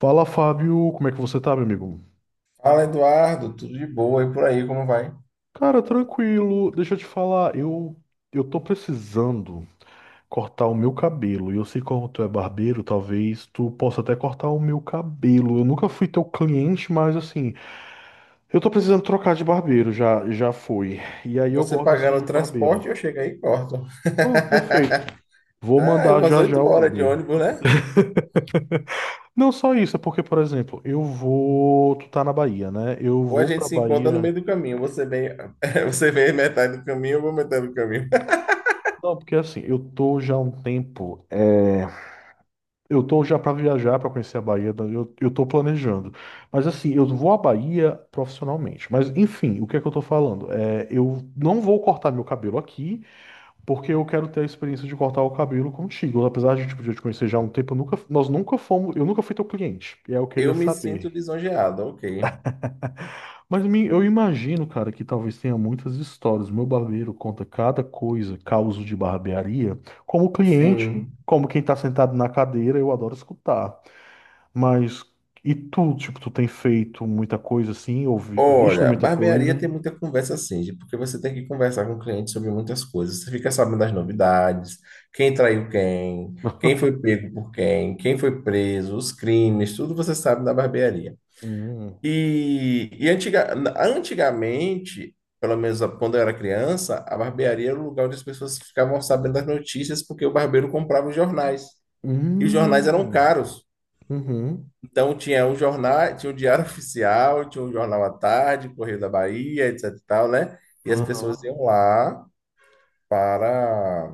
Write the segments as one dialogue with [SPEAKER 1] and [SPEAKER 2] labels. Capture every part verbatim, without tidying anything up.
[SPEAKER 1] Fala, Fábio, como é que você tá, meu amigo?
[SPEAKER 2] Fala, Eduardo, tudo de boa e por aí, como vai?
[SPEAKER 1] Cara, tranquilo. Deixa eu te falar, eu eu tô precisando cortar o meu cabelo. E eu sei como tu é barbeiro, talvez tu possa até cortar o meu cabelo. Eu nunca fui teu cliente, mas assim, eu tô precisando trocar de barbeiro, já já fui. E aí eu
[SPEAKER 2] Você
[SPEAKER 1] gosto assim
[SPEAKER 2] pagando o
[SPEAKER 1] de um barbeiro.
[SPEAKER 2] transporte, eu chego aí e corto.
[SPEAKER 1] Pronto, perfeito. Vou
[SPEAKER 2] Ah, é
[SPEAKER 1] mandar
[SPEAKER 2] umas
[SPEAKER 1] já
[SPEAKER 2] oito
[SPEAKER 1] já o
[SPEAKER 2] horas de
[SPEAKER 1] Uber.
[SPEAKER 2] ônibus, né?
[SPEAKER 1] Não só isso, é porque, por exemplo, eu vou. Tu tá na Bahia, né? Eu
[SPEAKER 2] Ou a
[SPEAKER 1] vou
[SPEAKER 2] gente
[SPEAKER 1] pra
[SPEAKER 2] se encontra no
[SPEAKER 1] Bahia.
[SPEAKER 2] meio do caminho. Você vem, você vem metade do caminho, eu vou metade do caminho.
[SPEAKER 1] Não, porque assim, eu tô já há um tempo. é, Eu tô já para viajar, para conhecer a Bahia, eu, eu tô planejando. Mas assim, eu vou à Bahia profissionalmente. Mas enfim, o que é que eu tô falando? É, eu não vou cortar meu cabelo aqui, porque eu quero ter a experiência de cortar o cabelo contigo. Apesar de tipo, de eu te conhecer já há um tempo, eu nunca, nós nunca fomos, eu nunca fui teu cliente. E aí eu queria
[SPEAKER 2] Eu me sinto
[SPEAKER 1] saber.
[SPEAKER 2] lisonjeado, ok.
[SPEAKER 1] Mas me- eu imagino, cara, que talvez tenha muitas histórias. Meu barbeiro conta cada coisa, causo de barbearia, como cliente,
[SPEAKER 2] Sim.
[SPEAKER 1] como quem tá sentado na cadeira, eu adoro escutar. Mas e tu, tipo, tu tem feito muita coisa assim, ou vi- visto
[SPEAKER 2] Olha,
[SPEAKER 1] muita
[SPEAKER 2] barbearia
[SPEAKER 1] coisa?
[SPEAKER 2] tem muita conversa assim, de- porque você tem que conversar com o cliente sobre muitas coisas. Você fica sabendo das novidades, quem traiu quem, quem foi pego por quem, quem foi preso, os crimes, tudo você sabe da barbearia.
[SPEAKER 1] Hum.
[SPEAKER 2] E, e antiga- antigamente, pelo menos quando eu era criança, a barbearia era o lugar onde as pessoas ficavam sabendo das notícias, porque o barbeiro comprava os jornais. E os jornais eram
[SPEAKER 1] Hum.
[SPEAKER 2] caros.
[SPEAKER 1] Uhum.
[SPEAKER 2] Então tinha um jornal, tinha o Diário Oficial, tinha o Jornal à Tarde, Correio da Bahia, etc e tal, né? E as pessoas
[SPEAKER 1] Aham.
[SPEAKER 2] iam lá para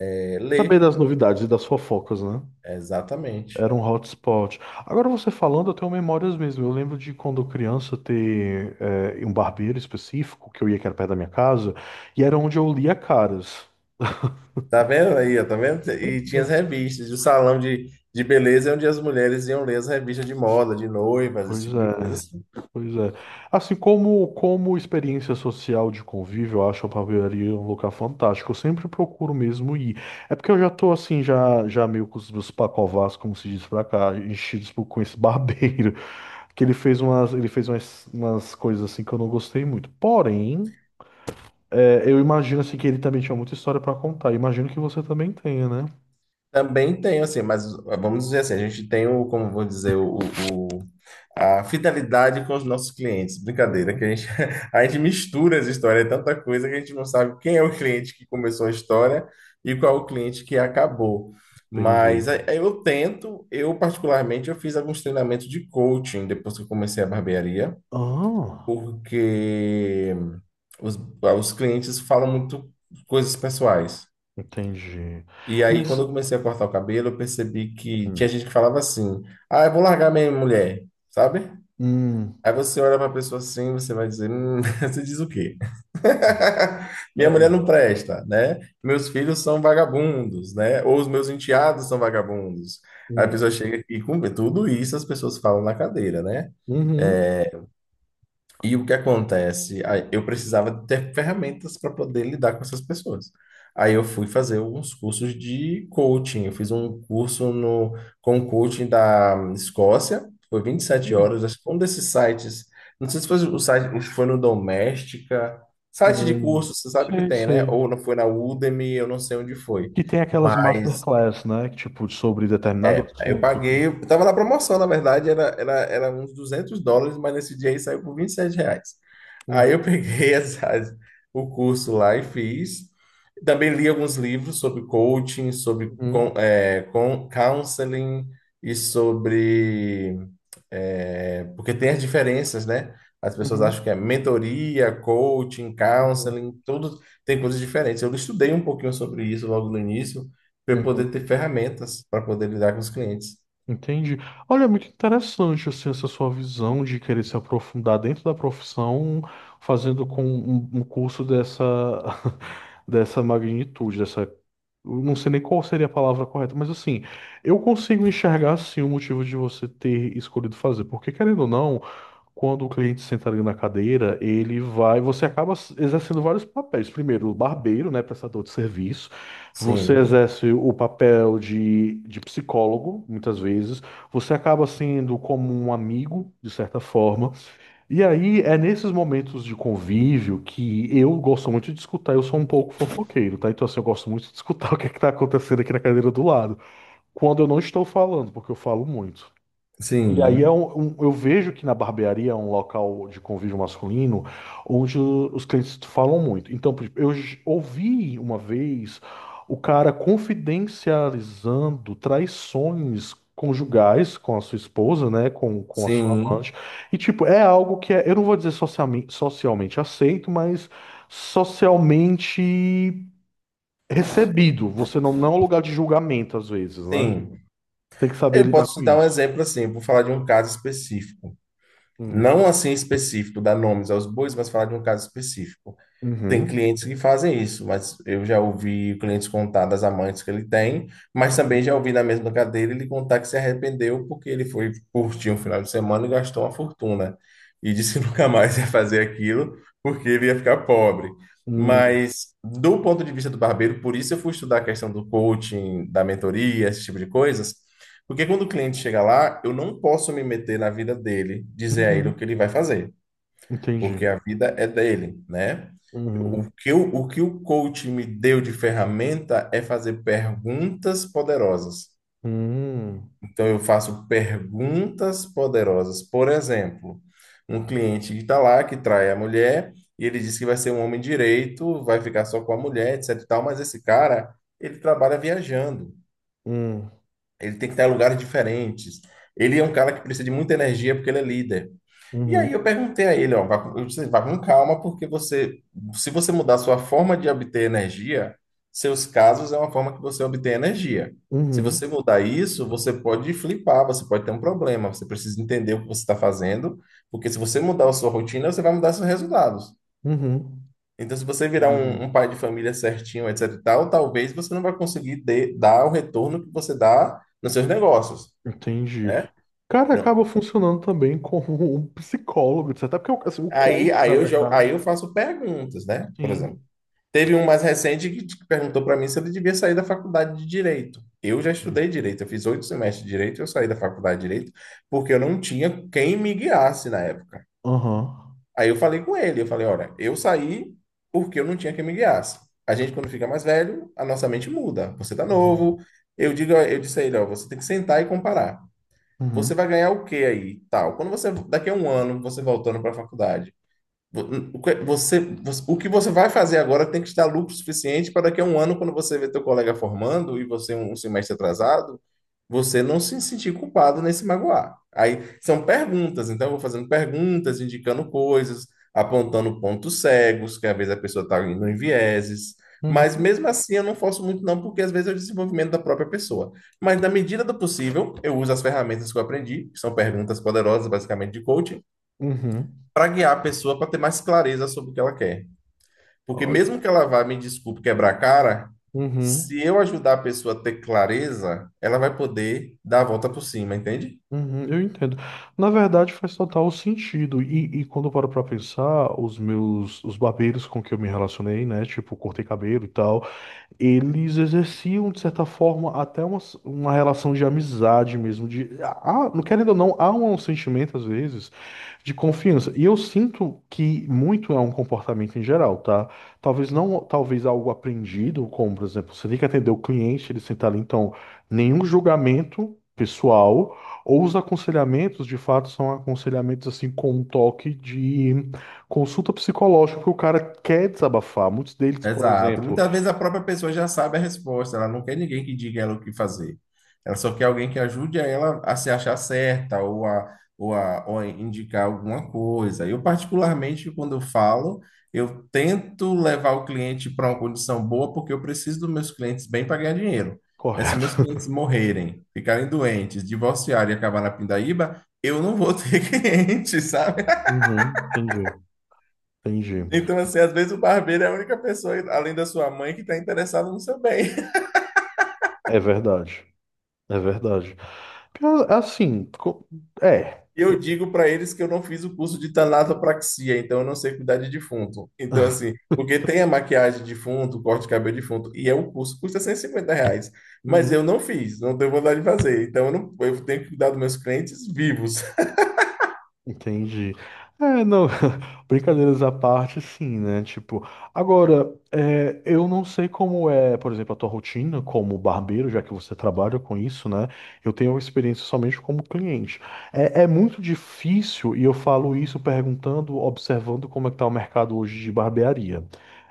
[SPEAKER 2] eh,
[SPEAKER 1] Saber
[SPEAKER 2] ler.
[SPEAKER 1] das novidades e das fofocas, né?
[SPEAKER 2] Exatamente.
[SPEAKER 1] Era um hotspot. Agora você falando, eu tenho memórias mesmo. Eu lembro de quando criança ter eh, um barbeiro específico que eu ia que era perto da minha casa, e era onde eu lia caras.
[SPEAKER 2] Tá vendo aí, ó, tá vendo? E tinha as
[SPEAKER 1] Hum.
[SPEAKER 2] revistas, o salão de, de beleza é onde as mulheres iam ler as revistas de moda, de noivas, esse
[SPEAKER 1] Pois
[SPEAKER 2] tipo de coisa
[SPEAKER 1] é.
[SPEAKER 2] assim.
[SPEAKER 1] Pois é. Assim como como experiência social de convívio, eu acho a barbearia um lugar fantástico. Eu sempre procuro mesmo ir. É porque eu já tô assim, já já meio com os meus pacovás, como se diz pra cá, enchidos por- com esse barbeiro, que ele fez umas ele fez umas, umas coisas assim que eu não gostei muito. Porém, é, eu imagino assim que ele também tinha muita história pra contar. Imagino que você também tenha, né?
[SPEAKER 2] Também tem, assim, mas ah, vamos dizer assim, a gente tem o, como vou dizer, o, o- o- a fidelidade com os nossos clientes. Brincadeira, que a
[SPEAKER 1] Uhum.
[SPEAKER 2] gente, a gente mistura as histórias, é tanta coisa que a gente não sabe quem é o cliente que começou a história e qual é o cliente que acabou. Mas
[SPEAKER 1] Entendi.
[SPEAKER 2] a- eu tento, eu particularmente, eu fiz alguns treinamentos de coaching depois que eu comecei a barbearia.
[SPEAKER 1] Ah,
[SPEAKER 2] Porque os, os clientes falam muito coisas pessoais.
[SPEAKER 1] entendi.
[SPEAKER 2] E aí,
[SPEAKER 1] Mas
[SPEAKER 2] quando eu comecei a cortar o cabelo, eu percebi que tinha
[SPEAKER 1] hum,
[SPEAKER 2] gente que falava assim: Ah, eu vou largar minha mulher, sabe?
[SPEAKER 1] hum,
[SPEAKER 2] Aí você olha para a pessoa assim, você vai dizer: hum, você diz o quê?
[SPEAKER 1] é,
[SPEAKER 2] Minha mulher
[SPEAKER 1] é.
[SPEAKER 2] não presta, né? Meus filhos são vagabundos, né? Ou os meus enteados são vagabundos. Aí a pessoa
[SPEAKER 1] Hum,
[SPEAKER 2] chega e com tudo isso as pessoas falam na cadeira, né?
[SPEAKER 1] uhum.
[SPEAKER 2] É, E o que acontece? Aí Eu precisava ter ferramentas para poder lidar com essas pessoas. Aí eu fui fazer alguns cursos de coaching. Eu fiz um curso no, com um coaching da Escócia, foi vinte e sete horas.
[SPEAKER 1] Hum,
[SPEAKER 2] acho que um desses sites, não sei se foi o site, acho que foi no Doméstica, site de
[SPEAKER 1] hum,
[SPEAKER 2] curso, você sabe que
[SPEAKER 1] sei,
[SPEAKER 2] tem, né? Ou
[SPEAKER 1] sei.
[SPEAKER 2] não foi na Udemy, eu não sei onde foi.
[SPEAKER 1] Que tem aquelas
[SPEAKER 2] Mas
[SPEAKER 1] masterclass, né? que, Tipo, sobre determinado
[SPEAKER 2] Aí eu
[SPEAKER 1] assunto.
[SPEAKER 2] paguei,
[SPEAKER 1] Entendi.
[SPEAKER 2] eu tava na promoção, na verdade, era, era, era uns duzentos dólares, mas nesse dia aí saiu por vinte e sete reais. Aí eu
[SPEAKER 1] Uhum,
[SPEAKER 2] peguei as, as- o curso lá e fiz. Também li alguns livros sobre coaching, sobre
[SPEAKER 1] uhum,
[SPEAKER 2] con, é, con- counseling e sobre. É, porque tem as diferenças, né? As pessoas acham
[SPEAKER 1] uhum,
[SPEAKER 2] que é mentoria, coaching,
[SPEAKER 1] uhum,
[SPEAKER 2] counseling, tudo tem coisas diferentes. Eu estudei um pouquinho sobre isso logo no início, para eu poder
[SPEAKER 1] uhum.
[SPEAKER 2] ter ferramentas para poder lidar com os clientes.
[SPEAKER 1] Entendi. Olha, é muito interessante, assim, essa sua visão de querer se aprofundar dentro da profissão, fazendo com um, um curso dessa, dessa magnitude, dessa... Eu não sei nem qual seria a palavra correta, mas assim, eu consigo enxergar, sim, o motivo de você ter escolhido fazer. Porque, querendo ou não, Quando o cliente senta ali na cadeira, ele vai, você acaba s- exercendo vários papéis. Primeiro, o barbeiro, né, prestador de serviço. Você
[SPEAKER 2] Sim,
[SPEAKER 1] exerce o papel de, de psicólogo, muitas vezes. Você acaba sendo como um amigo, de certa forma. E aí é nesses momentos de convívio que eu gosto muito de escutar. Eu sou um pouco fofoqueiro, tá? Então, assim, eu gosto muito de escutar o que é que tá acontecendo aqui na cadeira do lado. Quando eu não estou falando, porque eu falo muito. E aí é
[SPEAKER 2] sim,
[SPEAKER 1] um, um- eu vejo que na barbearia é um local de convívio masculino onde o- os clientes falam muito. Então, por exemplo, eu j- ouvi uma vez o cara confidencializando traições conjugais com a sua esposa, né, com, com a sua
[SPEAKER 2] sim,
[SPEAKER 1] amante. E tipo, é algo que é, eu não vou dizer socialmente, socialmente aceito, mas socialmente recebido. Você não, não é um lugar de julgamento às vezes, né?
[SPEAKER 2] sim.
[SPEAKER 1] Tem que saber
[SPEAKER 2] Eu
[SPEAKER 1] lidar
[SPEAKER 2] posso
[SPEAKER 1] com
[SPEAKER 2] te dar um
[SPEAKER 1] isso.
[SPEAKER 2] exemplo assim, eu vou falar de um caso específico.
[SPEAKER 1] Hum.
[SPEAKER 2] Não assim específico, dar nomes aos bois, mas falar de um caso específico. Tem
[SPEAKER 1] Uhum.
[SPEAKER 2] clientes que fazem isso, mas eu já ouvi clientes contar das amantes que ele tem, mas também já ouvi na mesma cadeira ele contar que se arrependeu porque ele foi curtir um final de semana e gastou uma fortuna. E disse que nunca mais ia fazer aquilo porque ele ia ficar pobre.
[SPEAKER 1] Hum,
[SPEAKER 2] Mas, do ponto de vista do barbeiro, por isso eu fui estudar a questão do coaching, da mentoria, esse tipo de coisas, porque quando o cliente chega lá, eu não posso me meter na vida dele, dizer a ele o que
[SPEAKER 1] uhum,
[SPEAKER 2] ele vai fazer
[SPEAKER 1] entendi.
[SPEAKER 2] porque a vida é dele, né? O
[SPEAKER 1] Uhum,
[SPEAKER 2] que o, o que o coach me deu de ferramenta é fazer perguntas poderosas.
[SPEAKER 1] hum,
[SPEAKER 2] Então, eu faço perguntas poderosas. Por exemplo, um cliente que está lá, que trai a mulher, e ele diz que vai ser um homem direito, vai ficar só com a mulher, etc e tal, mas esse cara, ele trabalha viajando.
[SPEAKER 1] hum,
[SPEAKER 2] Ele tem que estar em lugares diferentes. Ele é um cara que precisa de muita energia porque ele é líder. E aí eu
[SPEAKER 1] uhum,
[SPEAKER 2] perguntei a ele, ó, vá, com- eu disse, vá com calma, porque você, se você mudar sua forma de obter energia, seus casos é uma forma que você obtém energia. Se você
[SPEAKER 1] uhum,
[SPEAKER 2] mudar isso, você pode flipar, você pode ter um problema, você precisa entender o que você está fazendo, porque se você mudar a sua rotina, você vai mudar seus resultados.
[SPEAKER 1] uhum,
[SPEAKER 2] Então, se você virar um,
[SPEAKER 1] entendi.
[SPEAKER 2] um pai de família certinho, etc e tal, talvez você não vai conseguir de- dar o retorno que você dá nos seus negócios,
[SPEAKER 1] Entendi.
[SPEAKER 2] né?
[SPEAKER 1] Cara,
[SPEAKER 2] Não.
[SPEAKER 1] acaba funcionando também como um psicólogo, etcétera. Até porque o assim, o
[SPEAKER 2] Aí,
[SPEAKER 1] coach,
[SPEAKER 2] aí
[SPEAKER 1] na
[SPEAKER 2] eu, já- aí eu
[SPEAKER 1] verdade.
[SPEAKER 2] faço perguntas, né? Por exemplo,
[SPEAKER 1] Sim.
[SPEAKER 2] teve um mais recente que que perguntou para mim se ele devia sair da faculdade de Direito. Eu já estudei Direito, eu fiz oito semestres de Direito, eu saí da faculdade de Direito porque eu não tinha quem me guiasse na época.
[SPEAKER 1] Aham,
[SPEAKER 2] Aí eu falei com ele, eu falei, olha, eu saí porque eu não tinha quem me guiasse. A gente, quando fica mais velho, a nossa mente muda. Você tá
[SPEAKER 1] aham,
[SPEAKER 2] novo. Eu digo, eu disse a ele, ó, você tem que sentar e comparar. Você
[SPEAKER 1] uhum,
[SPEAKER 2] vai ganhar o quê aí? Tal. Quando você, daqui a um ano, você voltando para a faculdade, o que você, o que você vai fazer agora tem que te dar lucro suficiente para daqui a um ano, quando você vê teu colega formando e você um um semestre atrasado, você não se sentir culpado nem se magoar. Aí são perguntas, então eu vou fazendo perguntas, indicando coisas, apontando pontos cegos, que às vezes a pessoa está indo em vieses. Mas
[SPEAKER 1] uhum,
[SPEAKER 2] mesmo assim eu não forço muito não, porque às vezes é o desenvolvimento da própria pessoa. Mas na medida do possível, eu uso as ferramentas que eu aprendi, que são perguntas poderosas basicamente de coaching,
[SPEAKER 1] uhum,
[SPEAKER 2] para guiar a pessoa para ter mais clareza sobre o que ela quer. Porque
[SPEAKER 1] olha,
[SPEAKER 2] mesmo que ela vá, me desculpe, quebrar a cara, se
[SPEAKER 1] uhum,
[SPEAKER 2] eu ajudar a pessoa a ter clareza, ela vai poder dar a volta por cima, entende?
[SPEAKER 1] uhum, eu entendo. Na verdade, faz total sentido. E, e quando eu paro pra pensar, os meus, os barbeiros com que eu me relacionei, né? Tipo, cortei cabelo e tal. eles exerciam, de certa forma, até uma, uma relação de amizade mesmo, de, ah, não querendo ou não, há um sentimento, às vezes, de confiança. E eu sinto que muito é um comportamento em geral, tá? Talvez não, talvez algo aprendido, como, por exemplo, você tem que atender o cliente, ele sentar ali, então, nenhum julgamento pessoal, ou os aconselhamentos, de fato, são aconselhamentos, assim, com um toque de consulta psicológica, porque o cara quer desabafar. Muitos deles, por
[SPEAKER 2] Exato.
[SPEAKER 1] exemplo,
[SPEAKER 2] Muitas vezes a própria pessoa já sabe a resposta, ela não quer ninguém que diga ela o que fazer. Ela só quer alguém que ajude ela a se achar certa ou a, ou a, ou a indicar alguma coisa. Eu, particularmente, quando eu falo, eu tento levar o cliente para uma condição boa porque eu preciso dos meus clientes bem para ganhar dinheiro. Né? Se
[SPEAKER 1] Correto.
[SPEAKER 2] meus clientes morrerem, ficarem doentes, divorciarem e acabar na pindaíba, eu não vou ter cliente, sabe?
[SPEAKER 1] Uhum, entendi, entendi.
[SPEAKER 2] Então, assim, às vezes o barbeiro é a única pessoa, além da sua mãe, que está interessada no seu bem.
[SPEAKER 1] É verdade, é verdade. Pior- Assim, co- é.
[SPEAKER 2] E eu digo para eles que eu não fiz o curso de tanatopraxia, então eu não sei cuidar de defunto. Então, assim, porque tem a maquiagem de defunto, o corte de cabelo de defunto, e é um curso, custa cento e cinquenta reais. Mas
[SPEAKER 1] Uhum.
[SPEAKER 2] eu não fiz, não tenho vontade de fazer. Então, eu, não, eu tenho que cuidar dos meus clientes vivos.
[SPEAKER 1] Entendi. É, não, brincadeiras à parte, sim, né? Tipo, agora, é, eu não sei como é, por exemplo, a tua rotina como barbeiro, já que você trabalha com isso, né? Eu tenho experiência somente como cliente. É, é muito difícil, e eu falo isso perguntando, observando como é que tá o mercado hoje de barbearia.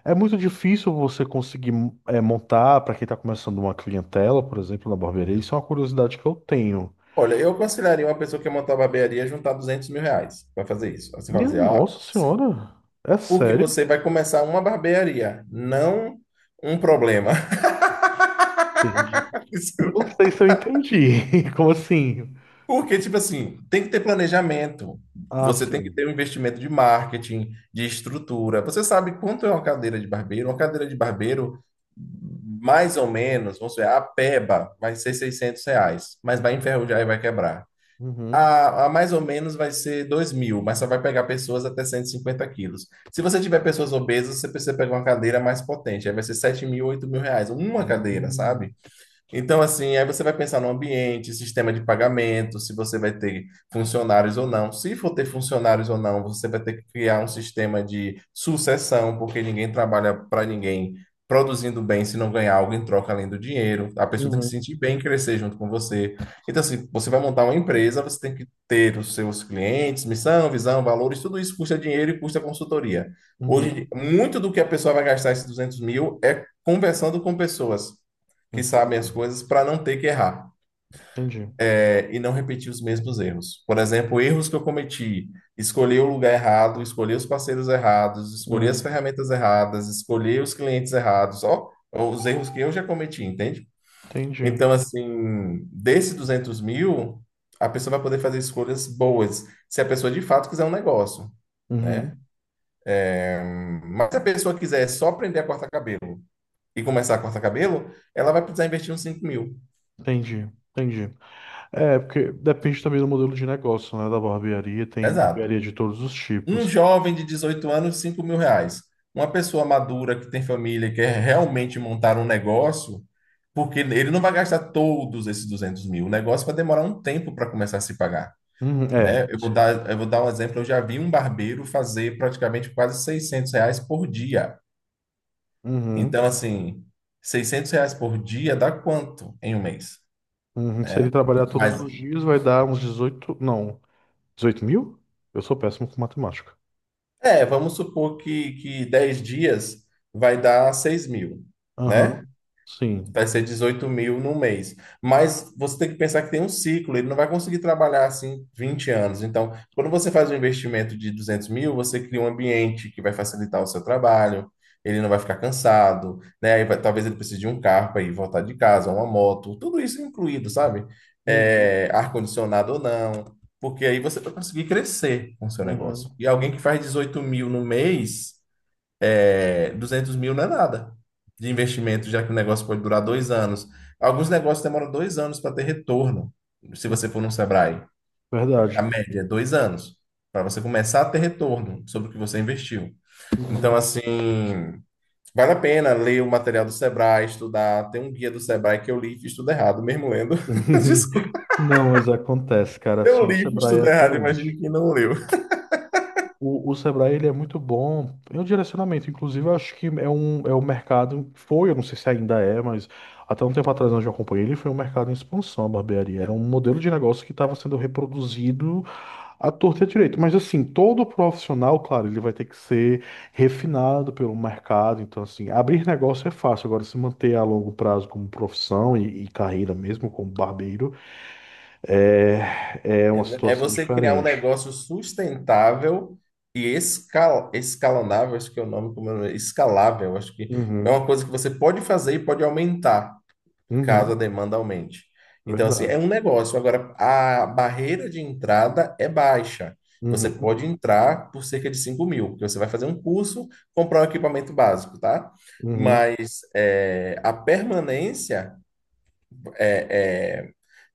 [SPEAKER 1] É muito difícil você conseguir é, montar, para quem tá começando uma clientela, por exemplo, na barbearia, isso é uma curiosidade que eu tenho.
[SPEAKER 2] Olha, eu aconselharia uma pessoa que quer montar barbearia a juntar duzentos mil reais para fazer isso. Aí você vai
[SPEAKER 1] Minha
[SPEAKER 2] fazer, ah,
[SPEAKER 1] nossa
[SPEAKER 2] sim.
[SPEAKER 1] senhora, é
[SPEAKER 2] Porque
[SPEAKER 1] sério?
[SPEAKER 2] você vai começar uma barbearia, não um problema.
[SPEAKER 1] Entendi.
[SPEAKER 2] Isso
[SPEAKER 1] Não sei se eu entendi. Como assim?
[SPEAKER 2] porque, tipo assim, tem que ter planejamento,
[SPEAKER 1] Ah,
[SPEAKER 2] você tem que
[SPEAKER 1] sim.
[SPEAKER 2] ter um investimento de marketing, de estrutura. Você sabe quanto é uma cadeira de barbeiro? Uma cadeira de barbeiro, mais ou menos, vamos dizer, a peba vai ser seiscentos reais, mas vai enferrujar e vai quebrar.
[SPEAKER 1] Uhum.
[SPEAKER 2] A, a mais ou menos vai ser dois mil, mas só vai pegar pessoas até cento e cinquenta quilos. Se você tiver pessoas obesas, você precisa pegar uma cadeira mais potente, aí vai ser sete mil, oito mil reais, uma cadeira,
[SPEAKER 1] Uhum. Hum.
[SPEAKER 2] sabe? Então, assim, aí você vai pensar no ambiente, sistema de pagamento, se você vai ter funcionários ou não. Se for ter funcionários ou não, você vai ter que criar um sistema de sucessão, porque ninguém trabalha para ninguém produzindo bem se não ganhar algo em troca além do dinheiro. A pessoa tem que se
[SPEAKER 1] Uhum.
[SPEAKER 2] sentir bem e crescer junto com você. Então, assim, você vai montar uma empresa, você tem que ter os seus clientes, missão, visão, valores, tudo isso custa dinheiro e custa consultoria. Hoje,
[SPEAKER 1] Uhum.
[SPEAKER 2] muito do que a pessoa vai gastar esses duzentos mil é conversando com pessoas que sabem
[SPEAKER 1] Entendi.
[SPEAKER 2] as coisas para não ter que errar
[SPEAKER 1] Entendi.
[SPEAKER 2] é, e não repetir os mesmos erros. Por exemplo, erros que eu cometi, escolher o lugar errado, escolher os parceiros errados, escolher as
[SPEAKER 1] Hum.
[SPEAKER 2] ferramentas erradas, escolher os clientes errados, ó, os erros que eu já cometi, entende?
[SPEAKER 1] Entendi.
[SPEAKER 2] Então, assim, desses duzentos mil, a pessoa vai poder fazer escolhas boas, se a pessoa de fato quiser um negócio, né?
[SPEAKER 1] Uhum.
[SPEAKER 2] Mas se a pessoa quiser só aprender a cortar cabelo e começar a cortar cabelo, ela vai precisar investir uns cinco mil.
[SPEAKER 1] Entendi. Entendi. É, porque depende também do modelo de negócio, né? Da barbearia. Tem
[SPEAKER 2] Exato.
[SPEAKER 1] barbearia de todos os
[SPEAKER 2] Um
[SPEAKER 1] tipos.
[SPEAKER 2] jovem de dezoito anos, cinco mil reais. Uma pessoa madura que tem família e quer realmente montar um negócio, porque ele não vai gastar todos esses duzentos mil. O negócio vai demorar um tempo para começar a se pagar,
[SPEAKER 1] Uhum. É,
[SPEAKER 2] né? Eu vou
[SPEAKER 1] sim.
[SPEAKER 2] dar, eu vou dar um exemplo. Eu já vi um barbeiro fazer praticamente quase seiscentos reais por dia.
[SPEAKER 1] Uhum.
[SPEAKER 2] Então, assim, seiscentos reais por dia dá quanto em um mês,
[SPEAKER 1] Uhum. Se ele
[SPEAKER 2] né?
[SPEAKER 1] trabalhar todos
[SPEAKER 2] Mas,
[SPEAKER 1] os dias, vai dar uns dezoito Não, dezoito mil? Eu sou péssimo com matemática.
[SPEAKER 2] é, vamos supor que, que dez dias vai dar seis mil,
[SPEAKER 1] Aham.
[SPEAKER 2] né?
[SPEAKER 1] Sim.
[SPEAKER 2] Vai ser dezoito mil no mês. Mas você tem que pensar que tem um ciclo, ele não vai conseguir trabalhar assim vinte anos. Então, quando você faz um investimento de duzentos mil, você cria um ambiente que vai facilitar o seu trabalho, ele não vai ficar cansado, né? Aí vai- talvez ele precise de um carro para ir voltar de casa, uma moto, tudo isso incluído, sabe?
[SPEAKER 1] Uhum.
[SPEAKER 2] É, ar-condicionado ou não, porque aí você vai conseguir crescer com o seu negócio.
[SPEAKER 1] Uhum.
[SPEAKER 2] E alguém que faz dezoito mil no mês é, duzentos mil não é nada de investimento,
[SPEAKER 1] Entendi.
[SPEAKER 2] já que o negócio pode durar dois anos. Alguns negócios demoram dois anos para ter retorno, se
[SPEAKER 1] Uhum.
[SPEAKER 2] você for num Sebrae. A
[SPEAKER 1] Verdade.
[SPEAKER 2] média é dois anos, para você começar a ter retorno sobre o que você investiu. Então,
[SPEAKER 1] Uhum.
[SPEAKER 2] assim, vale a pena ler o material do Sebrae, estudar. Tem um guia do Sebrae que eu li e estudo errado, mesmo lendo. Desculpa,
[SPEAKER 1] Não, mas acontece, cara.
[SPEAKER 2] eu
[SPEAKER 1] Assim, o
[SPEAKER 2] li e
[SPEAKER 1] Sebrae é
[SPEAKER 2] estudo errado, imagine
[SPEAKER 1] excelente.
[SPEAKER 2] quem não leu.
[SPEAKER 1] O, o Sebrae ele é muito bom em um direcionamento. Inclusive, eu acho que é um, é um mercado, foi, eu não sei se ainda é, mas até um tempo atrás onde eu acompanhei, ele foi um mercado em expansão, a barbearia. Era um modelo de negócio que estava sendo reproduzido à torta e à direita. Mas assim, todo profissional, claro, ele vai ter que ser refinado pelo mercado. Então, assim, abrir negócio é fácil. Agora, se manter a longo prazo como profissão e, e carreira mesmo, como barbeiro, é, é uma
[SPEAKER 2] É é
[SPEAKER 1] situação
[SPEAKER 2] você criar um
[SPEAKER 1] diferente.
[SPEAKER 2] negócio sustentável e escal, escalonável, acho que é o nome, como é o nome? Escalável, acho que é uma
[SPEAKER 1] Uhum,
[SPEAKER 2] coisa que você pode fazer e pode aumentar, caso a
[SPEAKER 1] uhum.
[SPEAKER 2] demanda aumente. Então, assim,
[SPEAKER 1] Verdade.
[SPEAKER 2] é um negócio. Agora, a barreira de entrada é baixa.
[SPEAKER 1] Uhum,
[SPEAKER 2] Você pode entrar por cerca de cinco mil, porque você vai fazer um curso, comprar um equipamento básico, tá?
[SPEAKER 1] uhum.
[SPEAKER 2] Mas é, a permanência é,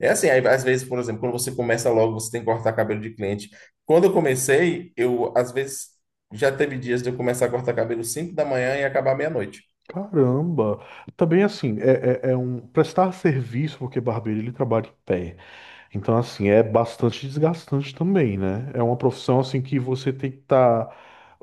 [SPEAKER 2] é, é assim, aí, às vezes, por exemplo, quando você começa logo, você tem que cortar cabelo de cliente. Quando eu comecei, eu, às vezes, já teve dias de eu começar a cortar cabelo cinco da manhã e acabar meia-noite.
[SPEAKER 1] Caramba! Também assim, é, é, é um prestar serviço, porque barbeiro ele trabalha em pé. Então, assim, é bastante desgastante também, né? É uma profissão assim que você tem que estar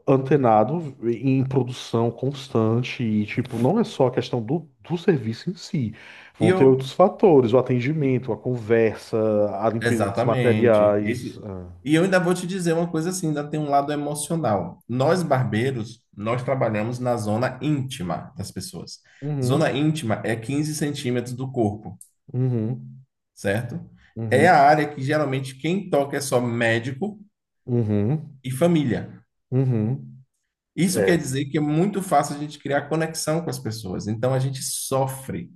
[SPEAKER 1] antenado em produção constante e, tipo, não é só a questão do, do serviço em si.
[SPEAKER 2] E
[SPEAKER 1] Vão ter
[SPEAKER 2] eu.
[SPEAKER 1] outros fatores, o atendimento, a conversa, a limpeza dos
[SPEAKER 2] Exatamente.
[SPEAKER 1] materiais.
[SPEAKER 2] Esse-
[SPEAKER 1] Ah.
[SPEAKER 2] E eu ainda vou te dizer uma coisa assim, ainda tem um lado emocional. Nós barbeiros, nós trabalhamos na zona íntima das pessoas. Zona
[SPEAKER 1] Uhum,
[SPEAKER 2] íntima é quinze centímetros do corpo,
[SPEAKER 1] uhum,
[SPEAKER 2] certo? É a
[SPEAKER 1] uhum,
[SPEAKER 2] área que geralmente quem toca é só médico
[SPEAKER 1] uhum,
[SPEAKER 2] e família.
[SPEAKER 1] uhum.
[SPEAKER 2] Isso
[SPEAKER 1] É.
[SPEAKER 2] quer dizer que é muito fácil a gente criar conexão com as pessoas. Então a gente sofre.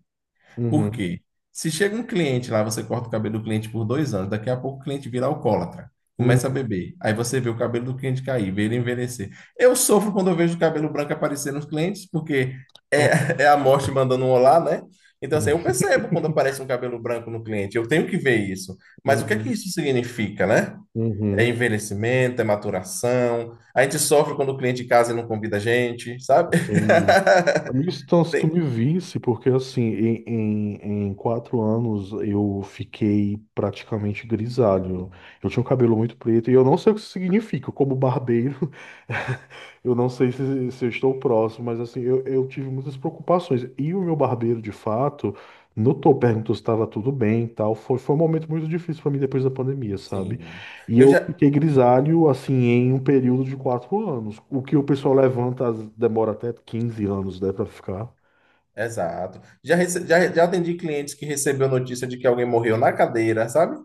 [SPEAKER 2] Por
[SPEAKER 1] Uhum,
[SPEAKER 2] quê? Se chega um cliente lá, você corta o cabelo do cliente por dois anos, daqui a pouco o cliente vira alcoólatra, começa a
[SPEAKER 1] uhum,
[SPEAKER 2] beber. Aí você vê o cabelo do cliente cair, vê ele envelhecer. Eu sofro quando eu vejo o cabelo branco aparecer nos clientes, porque
[SPEAKER 1] nossa,
[SPEAKER 2] é, é a morte mandando um olá, né? Então, assim, eu
[SPEAKER 1] uhum,
[SPEAKER 2] percebo quando aparece um cabelo branco no cliente, eu tenho que ver isso. Mas o que é que
[SPEAKER 1] uhum,
[SPEAKER 2] isso significa, né? É
[SPEAKER 1] uhum,
[SPEAKER 2] envelhecimento, é maturação. A gente sofre quando o cliente casa e não convida a gente, sabe?
[SPEAKER 1] entendi. Amigo, então, se tu
[SPEAKER 2] Tem-
[SPEAKER 1] me visse, porque assim, em, em, em quatro anos eu fiquei praticamente grisalho. Eu tinha um cabelo muito preto e eu não sei o que isso significa, como barbeiro, eu não sei se, se eu estou próximo, mas assim, eu, eu tive muitas preocupações. E o meu barbeiro, de fato, notou, perguntou se estava tudo bem e tal. Foi, foi um momento muito difícil para mim depois da pandemia, sabe?
[SPEAKER 2] Sim.
[SPEAKER 1] E
[SPEAKER 2] Eu
[SPEAKER 1] eu
[SPEAKER 2] já.
[SPEAKER 1] fiquei grisalho, assim, em um período de quatro anos. O que o pessoal levanta as- demora até quinze anos, né, para ficar.
[SPEAKER 2] Exato. Já, rece- já, já atendi clientes que recebeu notícia de que alguém morreu na cadeira, sabe?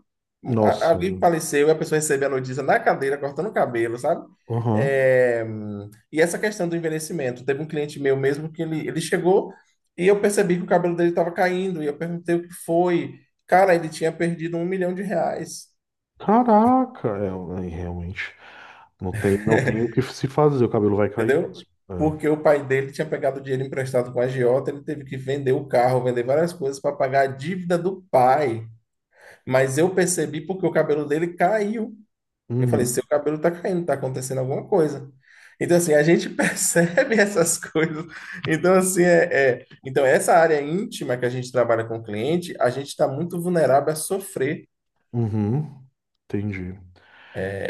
[SPEAKER 2] A-
[SPEAKER 1] Nossa.
[SPEAKER 2] Alguém faleceu e a pessoa recebeu a notícia na cadeira, cortando o cabelo, sabe?
[SPEAKER 1] Aham.
[SPEAKER 2] É, hum, E essa questão do envelhecimento. Teve um cliente meu mesmo que ele, ele chegou e eu percebi que o cabelo dele estava caindo. E eu perguntei o que foi. Cara, ele tinha perdido um milhão de reais.
[SPEAKER 1] Caraca, é, é, realmente. Não tem, não tem o que se fazer, o cabelo vai cair
[SPEAKER 2] Entendeu?
[SPEAKER 1] mesmo. É.
[SPEAKER 2] Porque o pai dele tinha pegado dinheiro emprestado com a agiota, ele teve que vender o carro, vender várias coisas para pagar a dívida do pai. Mas eu percebi porque o cabelo dele caiu. Eu falei, seu
[SPEAKER 1] Uhum,
[SPEAKER 2] cabelo tá caindo, tá acontecendo alguma coisa. Então, assim, a gente percebe essas coisas. Então, assim, é, é- então, essa área íntima que a gente trabalha com o cliente, a gente está muito vulnerável a sofrer
[SPEAKER 1] uhum. Entendi.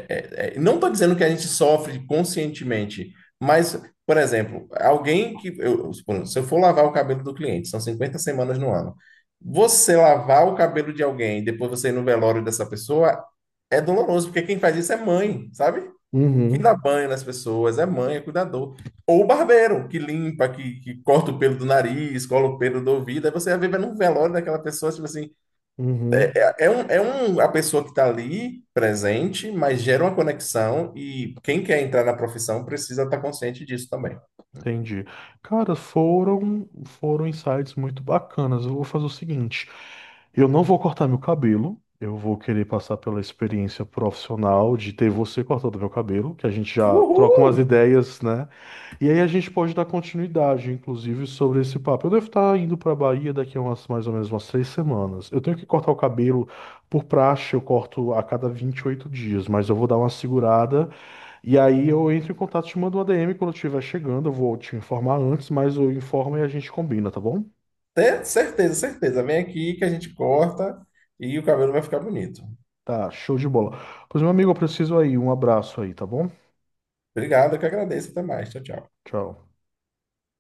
[SPEAKER 2] é, é, não estou dizendo que a gente sofre conscientemente, mas, por exemplo, alguém que. Eu, se eu for lavar o cabelo do cliente, são cinquenta semanas no ano. Você lavar o cabelo de alguém, e depois você ir no velório dessa pessoa, é doloroso, porque quem faz isso é mãe, sabe? Quem dá
[SPEAKER 1] Uhum,
[SPEAKER 2] banho nas pessoas é mãe, é cuidador. Ou o barbeiro, que limpa, que, que corta o pelo do nariz, cola o pelo do ouvido. Aí você vai ver num velório daquela pessoa, tipo assim,
[SPEAKER 1] uhum.
[SPEAKER 2] é um, é um, a pessoa que está ali presente, mas gera uma conexão e quem quer entrar na profissão precisa estar consciente disso também.
[SPEAKER 1] Entendi. Cara, foram foram insights muito bacanas. Eu vou fazer o seguinte, eu não vou cortar meu cabelo, eu vou querer passar pela experiência profissional de ter você cortando meu cabelo, que a gente já troca
[SPEAKER 2] Uhul!
[SPEAKER 1] umas ideias, né? E aí a gente pode dar continuidade, inclusive, sobre esse papo. Eu devo estar indo para Bahia daqui a umas, mais ou menos umas três semanas. Eu tenho que cortar o cabelo por praxe, eu corto a cada vinte e oito dias, mas eu vou dar uma segurada. E aí eu entro em contato te mando um A D M quando eu estiver chegando. Eu vou te informar antes, mas eu informo e a gente combina, tá bom?
[SPEAKER 2] Ter certeza, certeza. Vem aqui que a gente corta e o cabelo vai ficar bonito.
[SPEAKER 1] Tá, show de bola. Pois, meu amigo, eu preciso aí. Um abraço aí, tá bom?
[SPEAKER 2] Obrigado, eu que agradeço. Até mais. Tchau, tchau.
[SPEAKER 1] Tchau.